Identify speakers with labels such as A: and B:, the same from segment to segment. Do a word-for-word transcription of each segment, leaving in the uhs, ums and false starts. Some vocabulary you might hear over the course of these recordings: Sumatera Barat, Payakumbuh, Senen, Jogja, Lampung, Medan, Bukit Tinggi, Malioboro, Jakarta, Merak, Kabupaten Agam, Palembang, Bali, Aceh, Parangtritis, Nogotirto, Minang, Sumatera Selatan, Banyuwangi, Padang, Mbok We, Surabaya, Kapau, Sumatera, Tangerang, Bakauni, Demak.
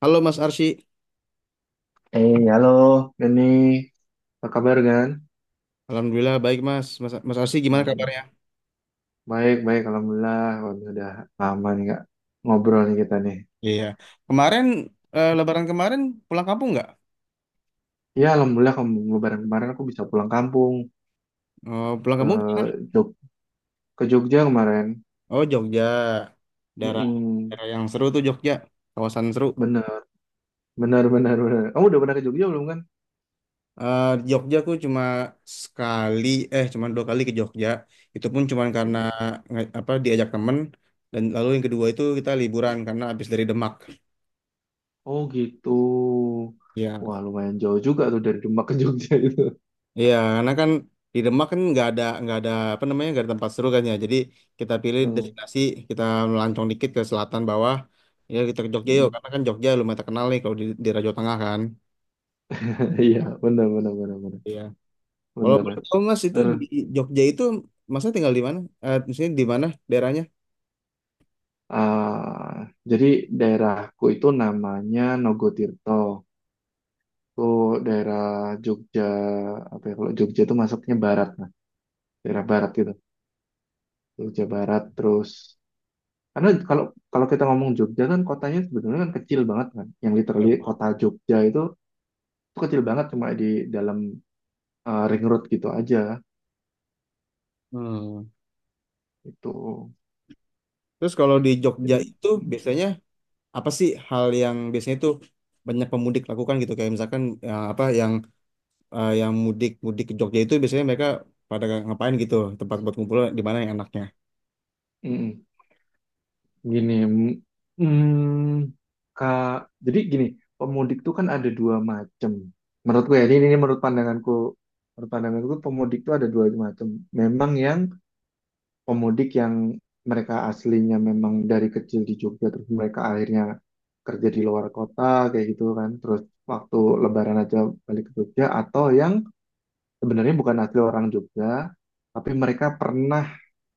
A: Halo Mas Arsy.
B: Eh, halo, Dani. Apa kabar, Gan?
A: Alhamdulillah baik, Mas. Mas, Mas Arsy gimana
B: Em,
A: kabarnya?
B: baik, baik, Alhamdulillah. Waduh, udah lama nih, Kak, ngobrol nih kita nih.
A: Iya, kemarin, eh, Lebaran kemarin pulang kampung nggak?
B: Ya, Alhamdulillah, kem- kemarin kemarin aku bisa pulang kampung
A: Oh, pulang
B: ke
A: kampung? Kemana?
B: Jog ke Jogja kemarin.
A: Oh, Jogja, daerah
B: Mm-mm.
A: daerah yang seru tuh Jogja, kawasan seru.
B: Bener, bener, bener, bener. Kamu udah pernah ke Jogja belum, kan?
A: Eh, di Jogja aku cuma sekali, eh, cuma dua kali ke Jogja. Itu pun cuma karena
B: Mm.
A: nge- apa, diajak temen. Dan lalu yang kedua itu kita liburan karena habis dari Demak.
B: Oh, gitu.
A: Ya.
B: Wah, lumayan jauh juga tuh dari Demak ke Jogja itu.
A: Iya, karena kan di Demak kan nggak ada nggak ada apa namanya, nggak ada tempat seru kan, ya. Jadi kita pilih
B: Mm.
A: destinasi, kita melancong dikit ke selatan bawah. Ya kita ke Jogja yuk,
B: Mm.
A: karena kan Jogja lumayan terkenal nih kalau di, di Raja Tengah kan.
B: Iya, bener, bener, bener, bener.
A: Iya. Kalau boleh tahu Mas itu di
B: Bener.
A: Jogja itu Masnya tinggal di mana? Eh, maksudnya di mana daerahnya?
B: Ah, jadi daerahku itu namanya Nogotirto. Itu daerah Jogja, apa ya, kalau Jogja itu masuknya barat, nah, daerah barat gitu. Jogja barat terus karena kalau kalau kita ngomong Jogja kan kotanya sebetulnya kan kecil banget kan. Yang literally kota Jogja itu, itu kecil banget cuma di dalam eh, ring road gitu aja
A: Hmm.
B: itu.
A: Terus kalau di
B: Jadi
A: Jogja itu
B: mm,
A: biasanya apa sih hal yang biasanya tuh banyak pemudik lakukan gitu kayak misalkan ya, apa yang eh, yang mudik mudik ke Jogja itu biasanya mereka pada ngapain gitu, tempat buat ngumpul di mana yang enaknya?
B: mm. Gini, mm, Kak, jadi gini, pemudik tuh kan ada dua macam. Menurutku ya, ini, ini menurut pandanganku. Menurut pandanganku pemudik tuh ada dua macam. Memang yang pemudik yang mereka aslinya memang dari kecil di Jogja, terus mereka akhirnya kerja di luar kota, kayak gitu kan. Terus waktu Lebaran aja balik ke Jogja, atau yang sebenarnya bukan asli orang Jogja, tapi mereka pernah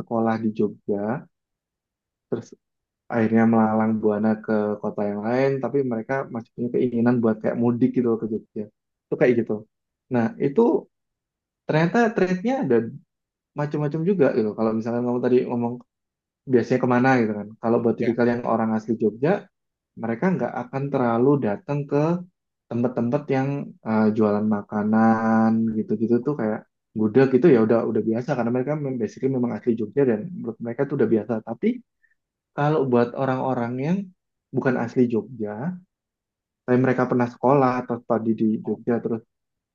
B: sekolah di Jogja, terus akhirnya melalang buana ke kota yang lain tapi mereka masih punya keinginan buat kayak mudik gitu loh ke Jogja itu kayak gitu nah itu ternyata trade-nya ada macam-macam juga gitu kalau misalkan kamu tadi ngomong biasanya kemana gitu kan kalau buat
A: Ya.
B: tipikal yang orang asli Jogja mereka nggak akan terlalu datang ke tempat-tempat yang eh, jualan makanan gitu-gitu tuh kayak gudeg itu ya udah udah biasa karena mereka mem- basically memang asli Jogja dan menurut mereka tuh udah biasa tapi kalau buat orang-orang yang bukan asli Jogja, tapi mereka pernah sekolah atau studi di Jogja terus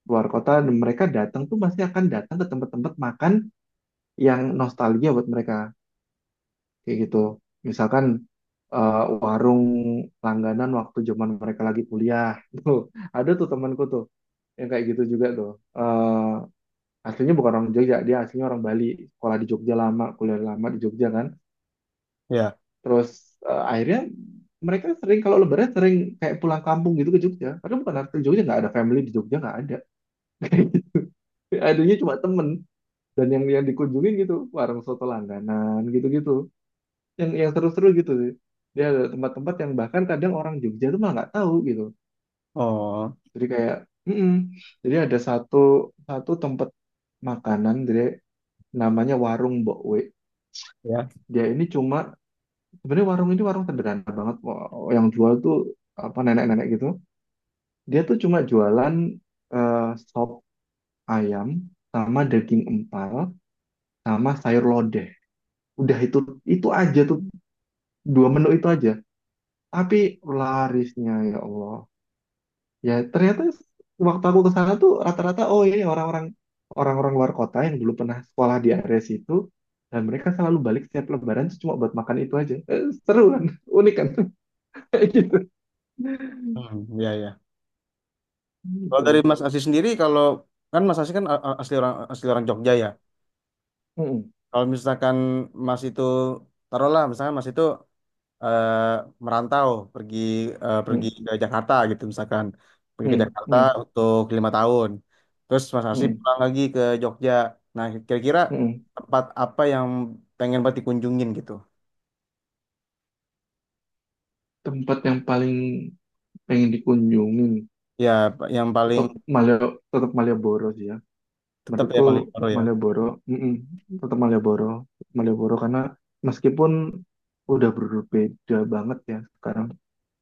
B: keluar kota, dan mereka datang tuh pasti akan datang ke tempat-tempat makan yang nostalgia buat mereka kayak gitu. Misalkan eh, warung langganan waktu zaman mereka lagi kuliah. Tuh, ada tuh temanku tuh yang kayak gitu juga tuh. Eh, aslinya bukan orang Jogja, dia aslinya orang Bali, sekolah di Jogja lama, kuliah lama di Jogja kan.
A: Ya,
B: Terus eh, akhirnya mereka sering kalau lebaran sering kayak pulang kampung gitu ke Jogja. Padahal bukan arti Jogja nggak ada family di Jogja nggak ada. Kayak gitu. Adanya cuma temen dan yang yang dikunjungin gitu warung soto langganan gitu-gitu. Yang yang seru-seru gitu sih. Dia ada tempat-tempat yang bahkan kadang orang Jogja tuh malah nggak tahu gitu.
A: oh,
B: Jadi kayak, mm-mm. Jadi ada satu satu tempat makanan jadi namanya warung Mbok We.
A: ya.
B: Dia ini cuma sebenarnya warung ini warung sederhana banget. Wah, yang jual tuh apa nenek-nenek gitu. Dia tuh cuma jualan eh, sop ayam sama daging empal sama sayur lodeh. Udah itu itu aja tuh dua menu itu aja. Tapi larisnya ya Allah. Ya ternyata waktu aku ke sana tuh rata-rata oh ini orang-orang orang-orang luar kota yang dulu pernah sekolah di area situ dan mereka selalu balik setiap lebaran tuh cuma buat makan itu aja. Eh, seru kan? Unik kan? Kayak gitu.
A: Hmm, ya, ya. Kalau
B: Gitu.
A: dari Mas Asih sendiri, kalau kan Mas Asih kan a- a- asli orang asli orang Jogja ya.
B: Mm-mm.
A: Kalau misalkan Mas itu taruhlah, misalkan Mas itu eh, merantau pergi, eh, pergi
B: Mm-mm.
A: ke Jakarta gitu misalkan, pergi ke Jakarta
B: Mm-mm.
A: untuk lima tahun. Terus Mas Asih pulang lagi ke Jogja. Nah, kira-kira tempat apa yang pengen banget dikunjungin gitu?
B: Tempat yang paling pengen dikunjungin
A: Ya, pa- yang paling
B: tetap Malio tetap Malioboro sih ya
A: tetap ya
B: menurutku
A: Malioboro ya.
B: Malioboro mm-mm, tetap Malioboro Malioboro karena meskipun udah berbeda banget ya sekarang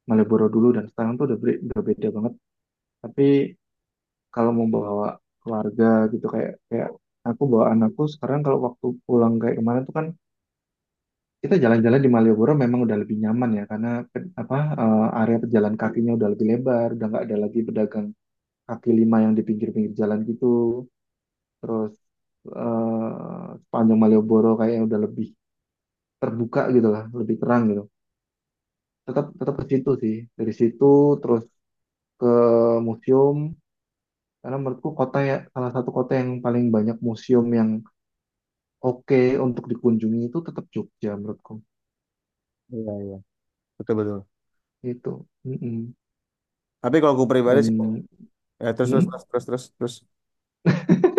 B: Malioboro dulu dan sekarang tuh udah ber- udah beda banget tapi kalau mau bawa keluarga gitu kayak kayak aku bawa anakku sekarang kalau waktu pulang kayak kemarin tuh kan kita jalan-jalan di Malioboro memang udah lebih nyaman ya karena pe- apa eh, area pejalan kakinya udah lebih lebar udah nggak ada lagi pedagang kaki lima yang di pinggir-pinggir jalan gitu. Terus eh, sepanjang Malioboro kayaknya udah lebih terbuka gitu lah, lebih terang gitu. Tetap tetap ke situ sih. Dari situ terus ke museum karena menurutku kota ya salah satu kota yang paling banyak museum yang oke untuk dikunjungi itu tetap Jogja menurutku.
A: Iya, iya. Betul, betul.
B: Itu.
A: Tapi kalau aku pribadi sih,
B: Dan
A: ya, terus, terus, terus, terus, terus, terus.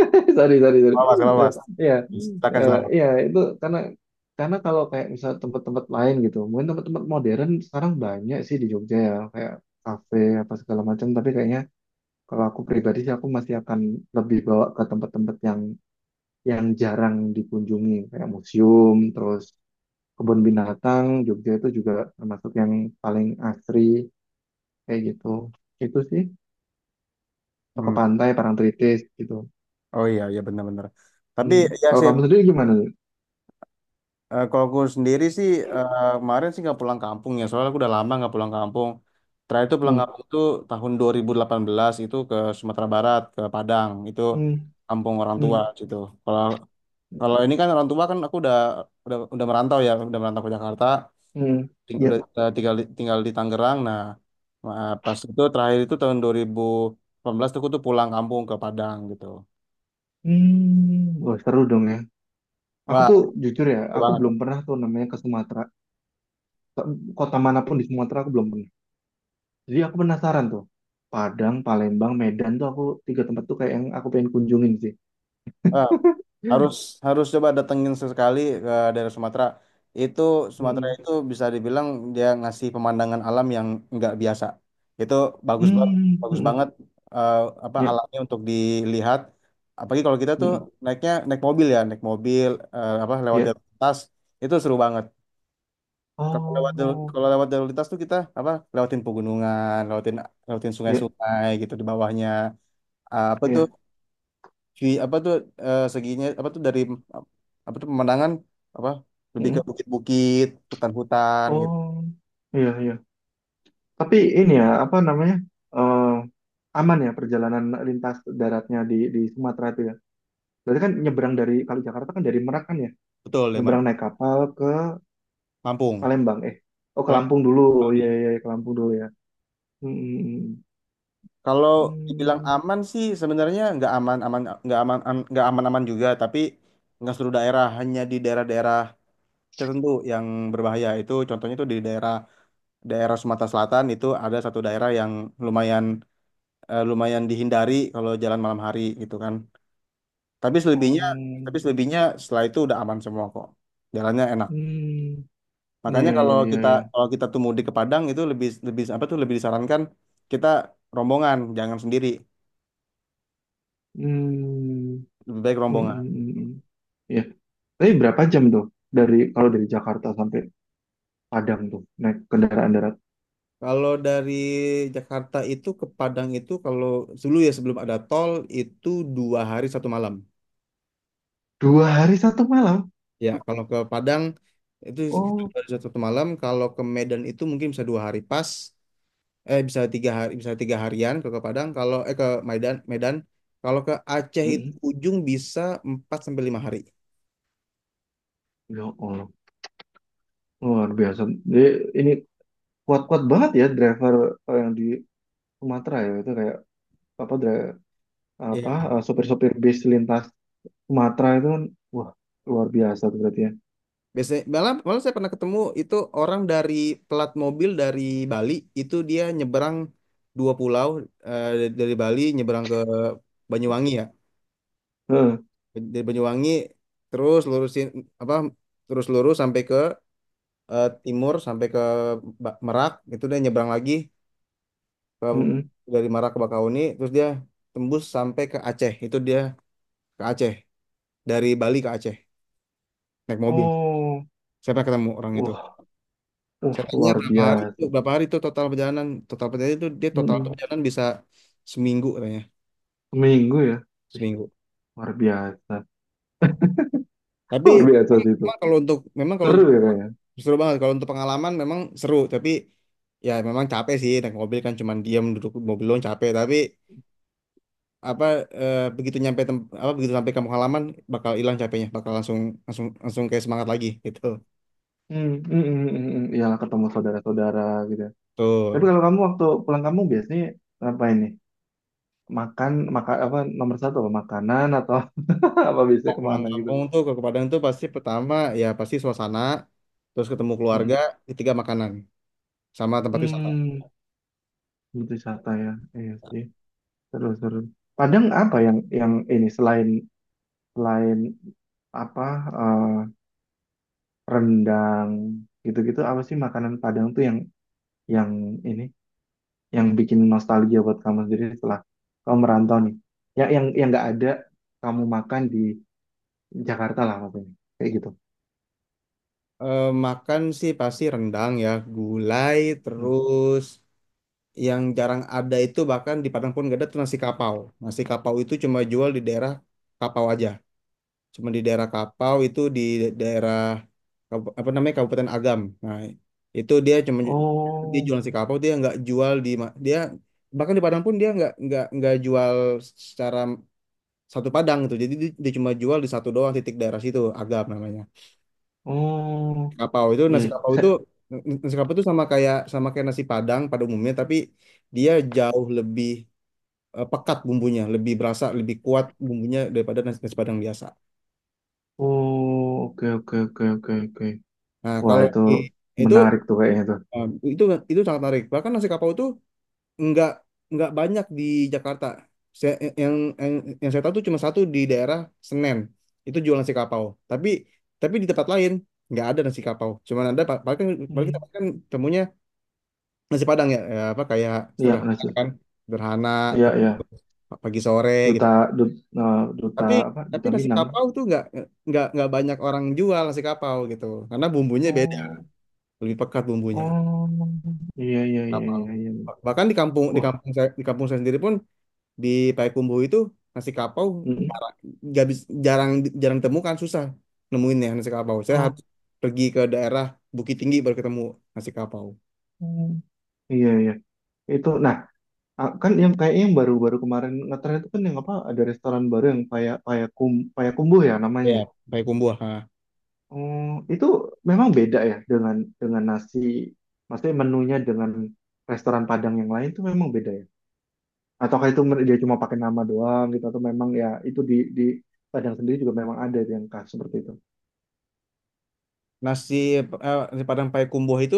B: sorry, sorry, sorry.
A: Awas,
B: Eh,
A: awas.
B: Iya,
A: Silakan,
B: Eh,
A: silakan.
B: iya itu karena karena kalau kayak misal tempat-tempat lain gitu, mungkin tempat-tempat modern sekarang banyak sih di Jogja ya, kayak kafe apa segala macam. Tapi kayaknya kalau aku pribadi sih aku masih akan lebih bawa ke tempat-tempat yang yang jarang dikunjungi, kayak museum, terus kebun binatang. Jogja itu juga termasuk yang paling asri kayak gitu. Itu sih, atau ke
A: Hmm.
B: pantai, Parangtritis gitu.
A: Oh iya, iya, benar-benar. Tapi
B: Hmm.
A: ya
B: Kalau
A: sih,
B: kamu sendiri gimana? Lin?
A: eh, kalau aku sendiri sih, eh, kemarin sih nggak pulang kampung ya. Soalnya aku udah lama nggak pulang kampung. Terakhir itu pulang
B: Hmm.
A: kampung itu tahun dua ribu delapan belas, itu ke Sumatera Barat, ke Padang. Itu
B: Hmm.
A: kampung orang tua
B: Hmm.
A: gitu. Kalau kalau ini kan orang tua kan aku udah, udah udah merantau ya, udah merantau ke Jakarta.
B: Hmm,
A: Ting-
B: ya.
A: udah, udah tinggal di- tinggal di Tangerang. Nah, ma- pas itu terakhir itu tahun dua ribu delapan belas tuh aku tuh pulang kampung ke Padang gitu.
B: Hmm, wah seru dong ya. Aku
A: Wah,
B: tuh jujur ya,
A: seru
B: aku belum
A: banget.
B: pernah tuh namanya ke Sumatera. Ke- Kota manapun di Sumatera aku belum pernah. Jadi aku penasaran tuh. Padang, Palembang, Medan tuh aku tiga tempat tuh kayak yang aku pengen kunjungin sih.
A: Eh, harus
B: Hmm,
A: harus coba datengin sesekali ke daerah Sumatera. Itu Sumatera
B: hmm,
A: itu bisa dibilang dia ngasih pemandangan alam yang nggak biasa. Itu bagus banget,
B: hmm,
A: bagus
B: hmm.
A: banget, eh, apa,
B: Ya,
A: alamnya untuk dilihat. Apalagi kalau kita tuh
B: hmm,
A: naiknya naik mobil ya, naik mobil, eh, apa, lewat
B: ya.
A: jalan lintas itu seru banget. Kalau lewat jalur-
B: Oh,
A: kalau lewat jalur lintas tuh kita apa lewatin pegunungan, lewatin lewatin
B: ya,
A: sungai-sungai gitu di bawahnya. Ah, apa tuh,
B: ya.
A: vi- apa tuh, eh, seginya apa tuh dari, apa tuh pemandangan, apa, lebih
B: Hmm,
A: ke bukit-bukit, hutan-hutan gitu.
B: oh, iya, iya. Tapi ini ya, apa namanya? eh aman ya perjalanan lintas daratnya di di Sumatera itu ya? Berarti kan nyebrang dari kalau Jakarta kan dari Merak kan ya,
A: Betul, ya,
B: nyebrang
A: Merah.
B: naik kapal ke
A: Lampung.
B: Palembang eh. Oh ke
A: Kalau
B: Lampung dulu, oh iya iya iya, ke Lampung dulu ya. Hmm,
A: kalau
B: hmm,
A: dibilang
B: hmm. Hmm.
A: aman sih sebenarnya nggak aman, aman nggak aman, am- nggak aman-aman juga, tapi nggak seluruh daerah, hanya di daerah-daerah tertentu yang berbahaya. Itu contohnya itu di daerah, daerah Sumatera Selatan itu ada satu daerah yang lumayan, eh, lumayan dihindari kalau jalan malam hari gitu kan. Tapi
B: Oh,
A: selebihnya,
B: hmm.
A: tapi selebihnya setelah itu udah aman semua kok. Jalannya enak.
B: Hmm. Iya
A: Makanya
B: iya
A: kalau
B: iya
A: kita,
B: iya.
A: kalau kita tuh mudik ke Padang itu lebih, lebih apa tuh, lebih disarankan kita rombongan, jangan sendiri.
B: Hmm,
A: Lebih baik
B: hmm, hmm,
A: rombongan.
B: hmm, hmm. Iya. Tapi berapa jam tuh dari kalau dari Jakarta sampai Padang tuh naik kendaraan darat?
A: Kalau dari Jakarta itu ke Padang itu kalau dulu ya, sebelum ada tol itu dua hari satu malam.
B: Dua hari satu malam.
A: Ya, kalau ke Padang itu kita
B: Oh,
A: baru satu malam. Kalau ke Medan itu mungkin bisa dua hari pas. Eh, bisa tiga hari, bisa tiga harian ke ke Padang. Kalau eh ke Medan, Medan. Kalau ke Aceh itu
B: mm-mm.
A: ujung bisa empat sampai lima hari.
B: Ya Allah, luar biasa. Jadi, ini kuat-kuat banget ya driver eh, yang di Sumatera ya itu kayak apa dra-
A: Iya.
B: apa eh, sopir-sopir bis lintas Sumatera itu kan wah luar biasa tuh berarti ya.
A: Biasanya malah, malah saya pernah ketemu itu orang dari pelat mobil dari Bali, itu dia nyeberang dua pulau, eh, dari Bali nyeberang ke Banyuwangi ya.
B: Heeh,
A: Dari Banyuwangi terus lurusin apa, terus lurus sampai ke, eh, timur, sampai ke Ba- Merak, itu dia nyebrang lagi ke,
B: mm-mm.
A: dari Merak ke Bakauni, terus dia tembus sampai ke Aceh, itu dia ke Aceh, dari Bali ke Aceh naik mobil,
B: Oh,
A: saya pernah ketemu orang itu.
B: wah, wah
A: Saya tanya
B: luar
A: berapa hari itu,
B: biasa.
A: berapa hari itu total perjalanan, total perjalanan itu dia total
B: Mm-mm.
A: perjalanan bisa seminggu katanya,
B: Seminggu ya. Wih,
A: seminggu.
B: luar biasa.
A: Tapi
B: Luar biasa sih itu.
A: memang kalau untuk, memang kalau
B: Seru
A: untuk
B: ya kayaknya.
A: seru banget kalau untuk pengalaman memang seru, tapi ya memang capek sih, naik mobil kan cuman diam duduk di mobil doang capek, tapi apa, eh, begitu nyampe tem- apa, begitu sampai kamu halaman, bakal hilang capeknya, bakal langsung, langsung langsung kayak semangat lagi gitu
B: Hmm, mm, mm, mm, mm. Iyalah ketemu saudara-saudara gitu. Tapi
A: tuh.
B: kalau kamu waktu pulang kamu biasanya ngapain nih? Makan, maka apa nomor satu apa makanan atau apa biasanya
A: Kalau pulang
B: kemana gitu?
A: kampung tuh ke Padang tuh pasti pertama ya pasti suasana, terus ketemu keluarga,
B: Mm,
A: ketiga makanan, sama tempat wisata.
B: mm. Hmm, wisata ya. Iya sih. Seru, seru. Padang apa yang yang ini selain selain apa eh, rendang gitu-gitu apa sih makanan Padang tuh yang yang ini yang bikin nostalgia buat kamu sendiri setelah kamu merantau nih. Yang yang yang nggak ada kamu makan di Jakarta lah maksudnya. Kayak gitu.
A: Eh, makan sih pasti rendang ya, gulai,
B: Hmm.
A: terus yang jarang ada itu bahkan di Padang pun gak ada tuh nasi kapau. Nasi kapau itu cuma jual di daerah Kapau aja, cuma di daerah Kapau itu di daerah, Kabup- apa namanya, Kabupaten Agam. Nah, itu dia cuma, dia
B: Oh,
A: jualan si kapau, dia nggak jual di ma- dia bahkan di Padang pun dia nggak nggak nggak jual secara satu Padang gitu. Jadi dia, dia cuma jual di satu doang titik daerah situ, Agam namanya.
B: oh,
A: Kapau itu, nasi
B: iya.
A: kapau itu,
B: Sa-
A: nasi kapau itu sama kayak, sama kayak nasi Padang pada umumnya, tapi dia jauh lebih, eh, pekat bumbunya, lebih berasa, lebih kuat bumbunya daripada nasi, nasi Padang biasa.
B: Oh, oke oke oke oke oke.
A: Nah,
B: Wah,
A: kalau
B: itu
A: di- itu
B: menarik tuh kayaknya tuh.
A: em, itu itu sangat menarik. Bahkan nasi kapau itu nggak, nggak banyak di Jakarta. Saya, yang, yang yang saya tahu tuh cuma satu di daerah Senen. Itu jual nasi kapau. Tapi, tapi di tempat lain nggak ada nasi kapau. Cuman ada pa- paling kan, paling kita
B: Hmm.
A: kan temunya nasi Padang ya, ya apa kayak
B: Iya,
A: sederhana
B: lanjut.
A: kan, sederhana,
B: Iya,
A: terus
B: iya.
A: pagi sore gitu.
B: duta duta, duta
A: Tapi,
B: apa
A: tapi
B: duta
A: nasi
B: Minang.
A: kapau tuh nggak, nggak nggak banyak orang jual nasi kapau gitu. Karena bumbunya beda,
B: Oh
A: lebih pekat bumbunya.
B: oh iya iya iya
A: Kapau.
B: iya iya
A: Bahkan di kampung, di
B: wah
A: kampung saya di kampung saya sendiri pun, di Payakumbu itu nasi kapau
B: mm,
A: jarang, nggak bis- jarang, jarang temukan, susah nemuinnya nasi kapau, saya
B: oh
A: harus pergi ke daerah Bukit Tinggi baru ketemu nasi kapau
B: mm, iya iya itu nah ah, kan yang kayaknya yang baru-baru kemarin ngetren itu kan yang apa ada restoran baru yang paya payakum payakumbuh ya namanya.
A: ya, Payakumbu, ha.
B: Oh itu memang beda ya dengan dengan nasi maksudnya menunya dengan restoran Padang yang lain itu memang beda ya ataukah itu mer- dia cuma pakai nama doang gitu atau memang ya itu di di Padang sendiri juga memang ada yang khas seperti itu.
A: Nasi, eh, nasi Padang Payakumbu itu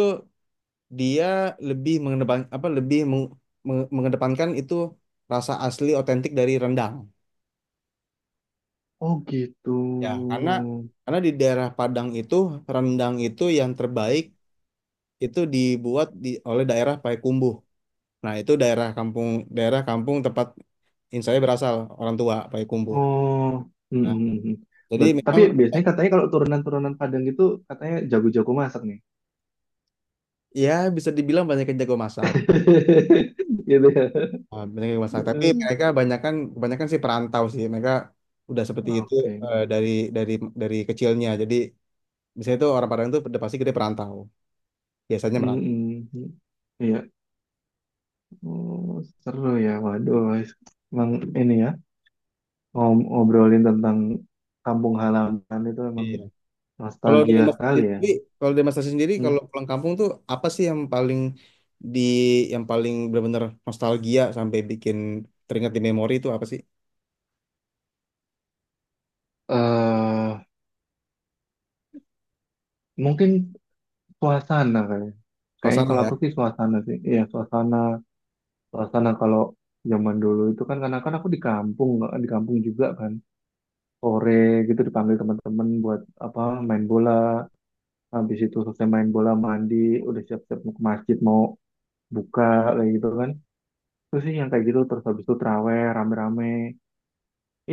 A: dia lebih mengedepan, apa lebih meng- meng- mengedepankan itu rasa asli otentik dari rendang
B: Oh gitu.
A: ya, karena, karena di daerah Padang itu rendang itu yang terbaik itu dibuat di oleh daerah Payakumbuh. Nah, itu daerah kampung, daerah kampung tempat in saya berasal, orang tua Payakumbuh.
B: Oh, mm,
A: Nah,
B: mm, mm.
A: jadi
B: Bet- tapi
A: memang
B: biasanya katanya kalau turunan-turunan Padang itu katanya jago-jago masak nih.
A: ya, bisa dibilang banyak yang jago masak.
B: Gitu ya.
A: Nah, banyak yang masak, tapi
B: Oke.
A: mereka kebanyakan, kebanyakan sih perantau sih. Mereka udah
B: Mm,
A: seperti itu,
B: oke.
A: eh, dari, dari dari kecilnya. Jadi misalnya itu orang Padang itu udah pasti gede perantau. Biasanya merantau.
B: Mm, mm. Iya. Oh, seru ya. Waduh, guys. Emang ini ya ngom- ngobrolin tentang kampung halaman itu emang
A: Iya. Kalau dari
B: nostalgia
A: Mas
B: kali
A: Tasya
B: ya.
A: sendiri, kalau dari Mas Tasya sendiri
B: Hmm.
A: kalau pulang kampung tuh apa sih yang paling di, yang paling benar-benar nostalgia sampai bikin teringat di memori itu apa sih?
B: eh mungkin suasana kali. Ya. Kayaknya
A: Suasana
B: kalau aku
A: ya.
B: sih suasana sih. Iya, suasana karena kalau zaman dulu itu kan karena kan aku di kampung nggak- di kampung juga kan sore gitu dipanggil teman-teman buat apa main bola habis itu selesai main bola mandi udah siap-siap mau ke masjid mau buka kayak gitu kan terus sih yang kayak gitu terus habis itu traweh rame-rame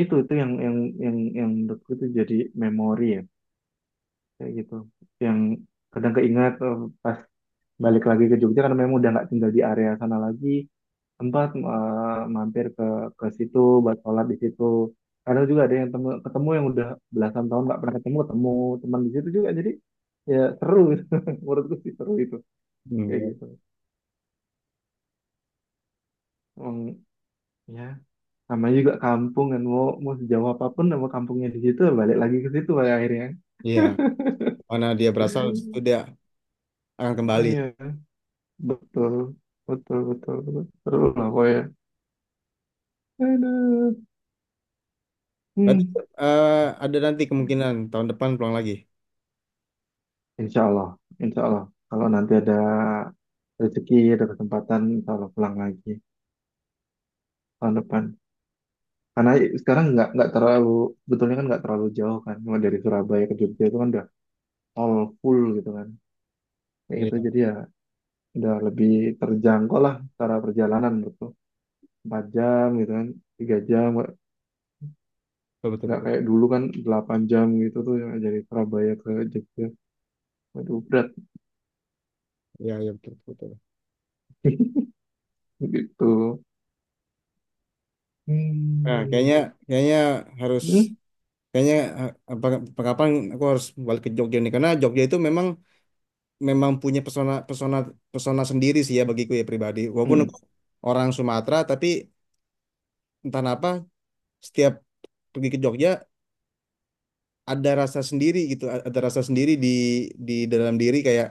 B: itu itu yang yang yang yang menurutku itu jadi memori ya kayak gitu yang kadang keingat eh, pas balik lagi ke Jogja karena memang udah nggak tinggal di area sana lagi sempat eh, mampir ke ke situ buat sholat di situ. Kadang juga ada yang temu- ketemu yang udah belasan tahun nggak pernah ketemu, ketemu teman di situ juga. Jadi ya seru gitu. Menurutku sih seru itu kayak
A: Hmm.
B: gitu. Emang ya namanya juga kampung kan mau mau sejauh apapun sama kampungnya di situ balik lagi ke situ pada akhirnya.
A: Iya, mana dia berasal itu dia akan kembali.
B: Iya betul betul betul betul seru lah pokoknya. Aduh.
A: Berarti,
B: Hmm.
A: eh, ada nanti kemungkinan tahun depan pulang lagi.
B: Insya Allah, insya Allah. Kalau nanti ada rezeki, ada kesempatan, insya Allah pulang lagi tahun depan. Karena sekarang nggak nggak terlalu, betulnya kan nggak terlalu jauh kan. Cuma dari Surabaya ke Jogja itu kan udah all full gitu kan. Kayak gitu,
A: Iya,
B: jadi ya udah lebih terjangkau lah secara perjalanan gitu. empat jam gitu kan, tiga jam, nggak
A: betul, betul,
B: nggak kayak
A: betul.
B: dulu kan delapan jam gitu tuh yang dari Surabaya ke Jogja. Waduh, berat
A: Iya, iya, betul, betul, betul.
B: gitu.
A: Nah,
B: Hmm.
A: kayaknya, kayaknya harus,
B: Hmm.
A: kayaknya, eh, apa, apa- kapan aku harus balik ke Jogja nih, karena Jogja itu memang, memang punya pesona, pesona pesona sendiri sih ya bagiku ya pribadi. Walaupun
B: Hmm.
A: aku orang Sumatera, tapi entah kenapa, setiap pergi ke Jogja ada rasa sendiri gitu, a- ada rasa sendiri di di dalam diri, kayak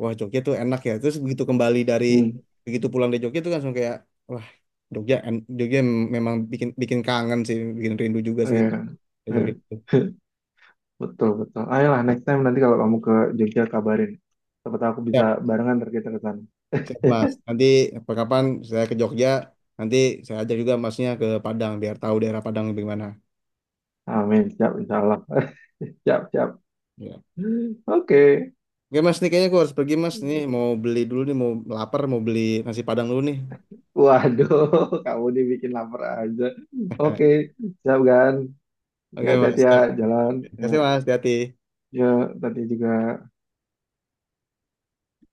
A: wah Jogja tuh enak ya, terus begitu kembali dari,
B: Hmm.
A: begitu pulang dari Jogja tuh langsung kayak, wah Jogja en- Jogja memang bikin, bikin kangen sih, bikin rindu juga sih
B: Eh.
A: ke Jogja
B: Eh.
A: itu.
B: Betul, betul. Ayolah, next time nanti kalau kamu ke Jogja kabarin. Siapa tahu aku bisa
A: Siap,
B: barengan ntar kita ke sana.
A: siap Mas, nanti kapan saya ke Jogja, nanti saya ajak juga masnya ke Padang biar tahu daerah Padang gimana,
B: Amin, siap, insya Allah. Siap, siap.
A: ya.
B: Oke.
A: Oke Mas, nih kayaknya aku harus pergi Mas, nih mau beli dulu nih, mau, lapar, mau beli nasi Padang dulu nih.
B: Waduh, kamu dibikin lapar aja. Oke, siap kan? Ya,
A: oke Mas
B: hati-hati ya,
A: siap.
B: jalan.
A: Terima
B: Ya,
A: kasih Mas, hati-hati.
B: ya, tadi juga.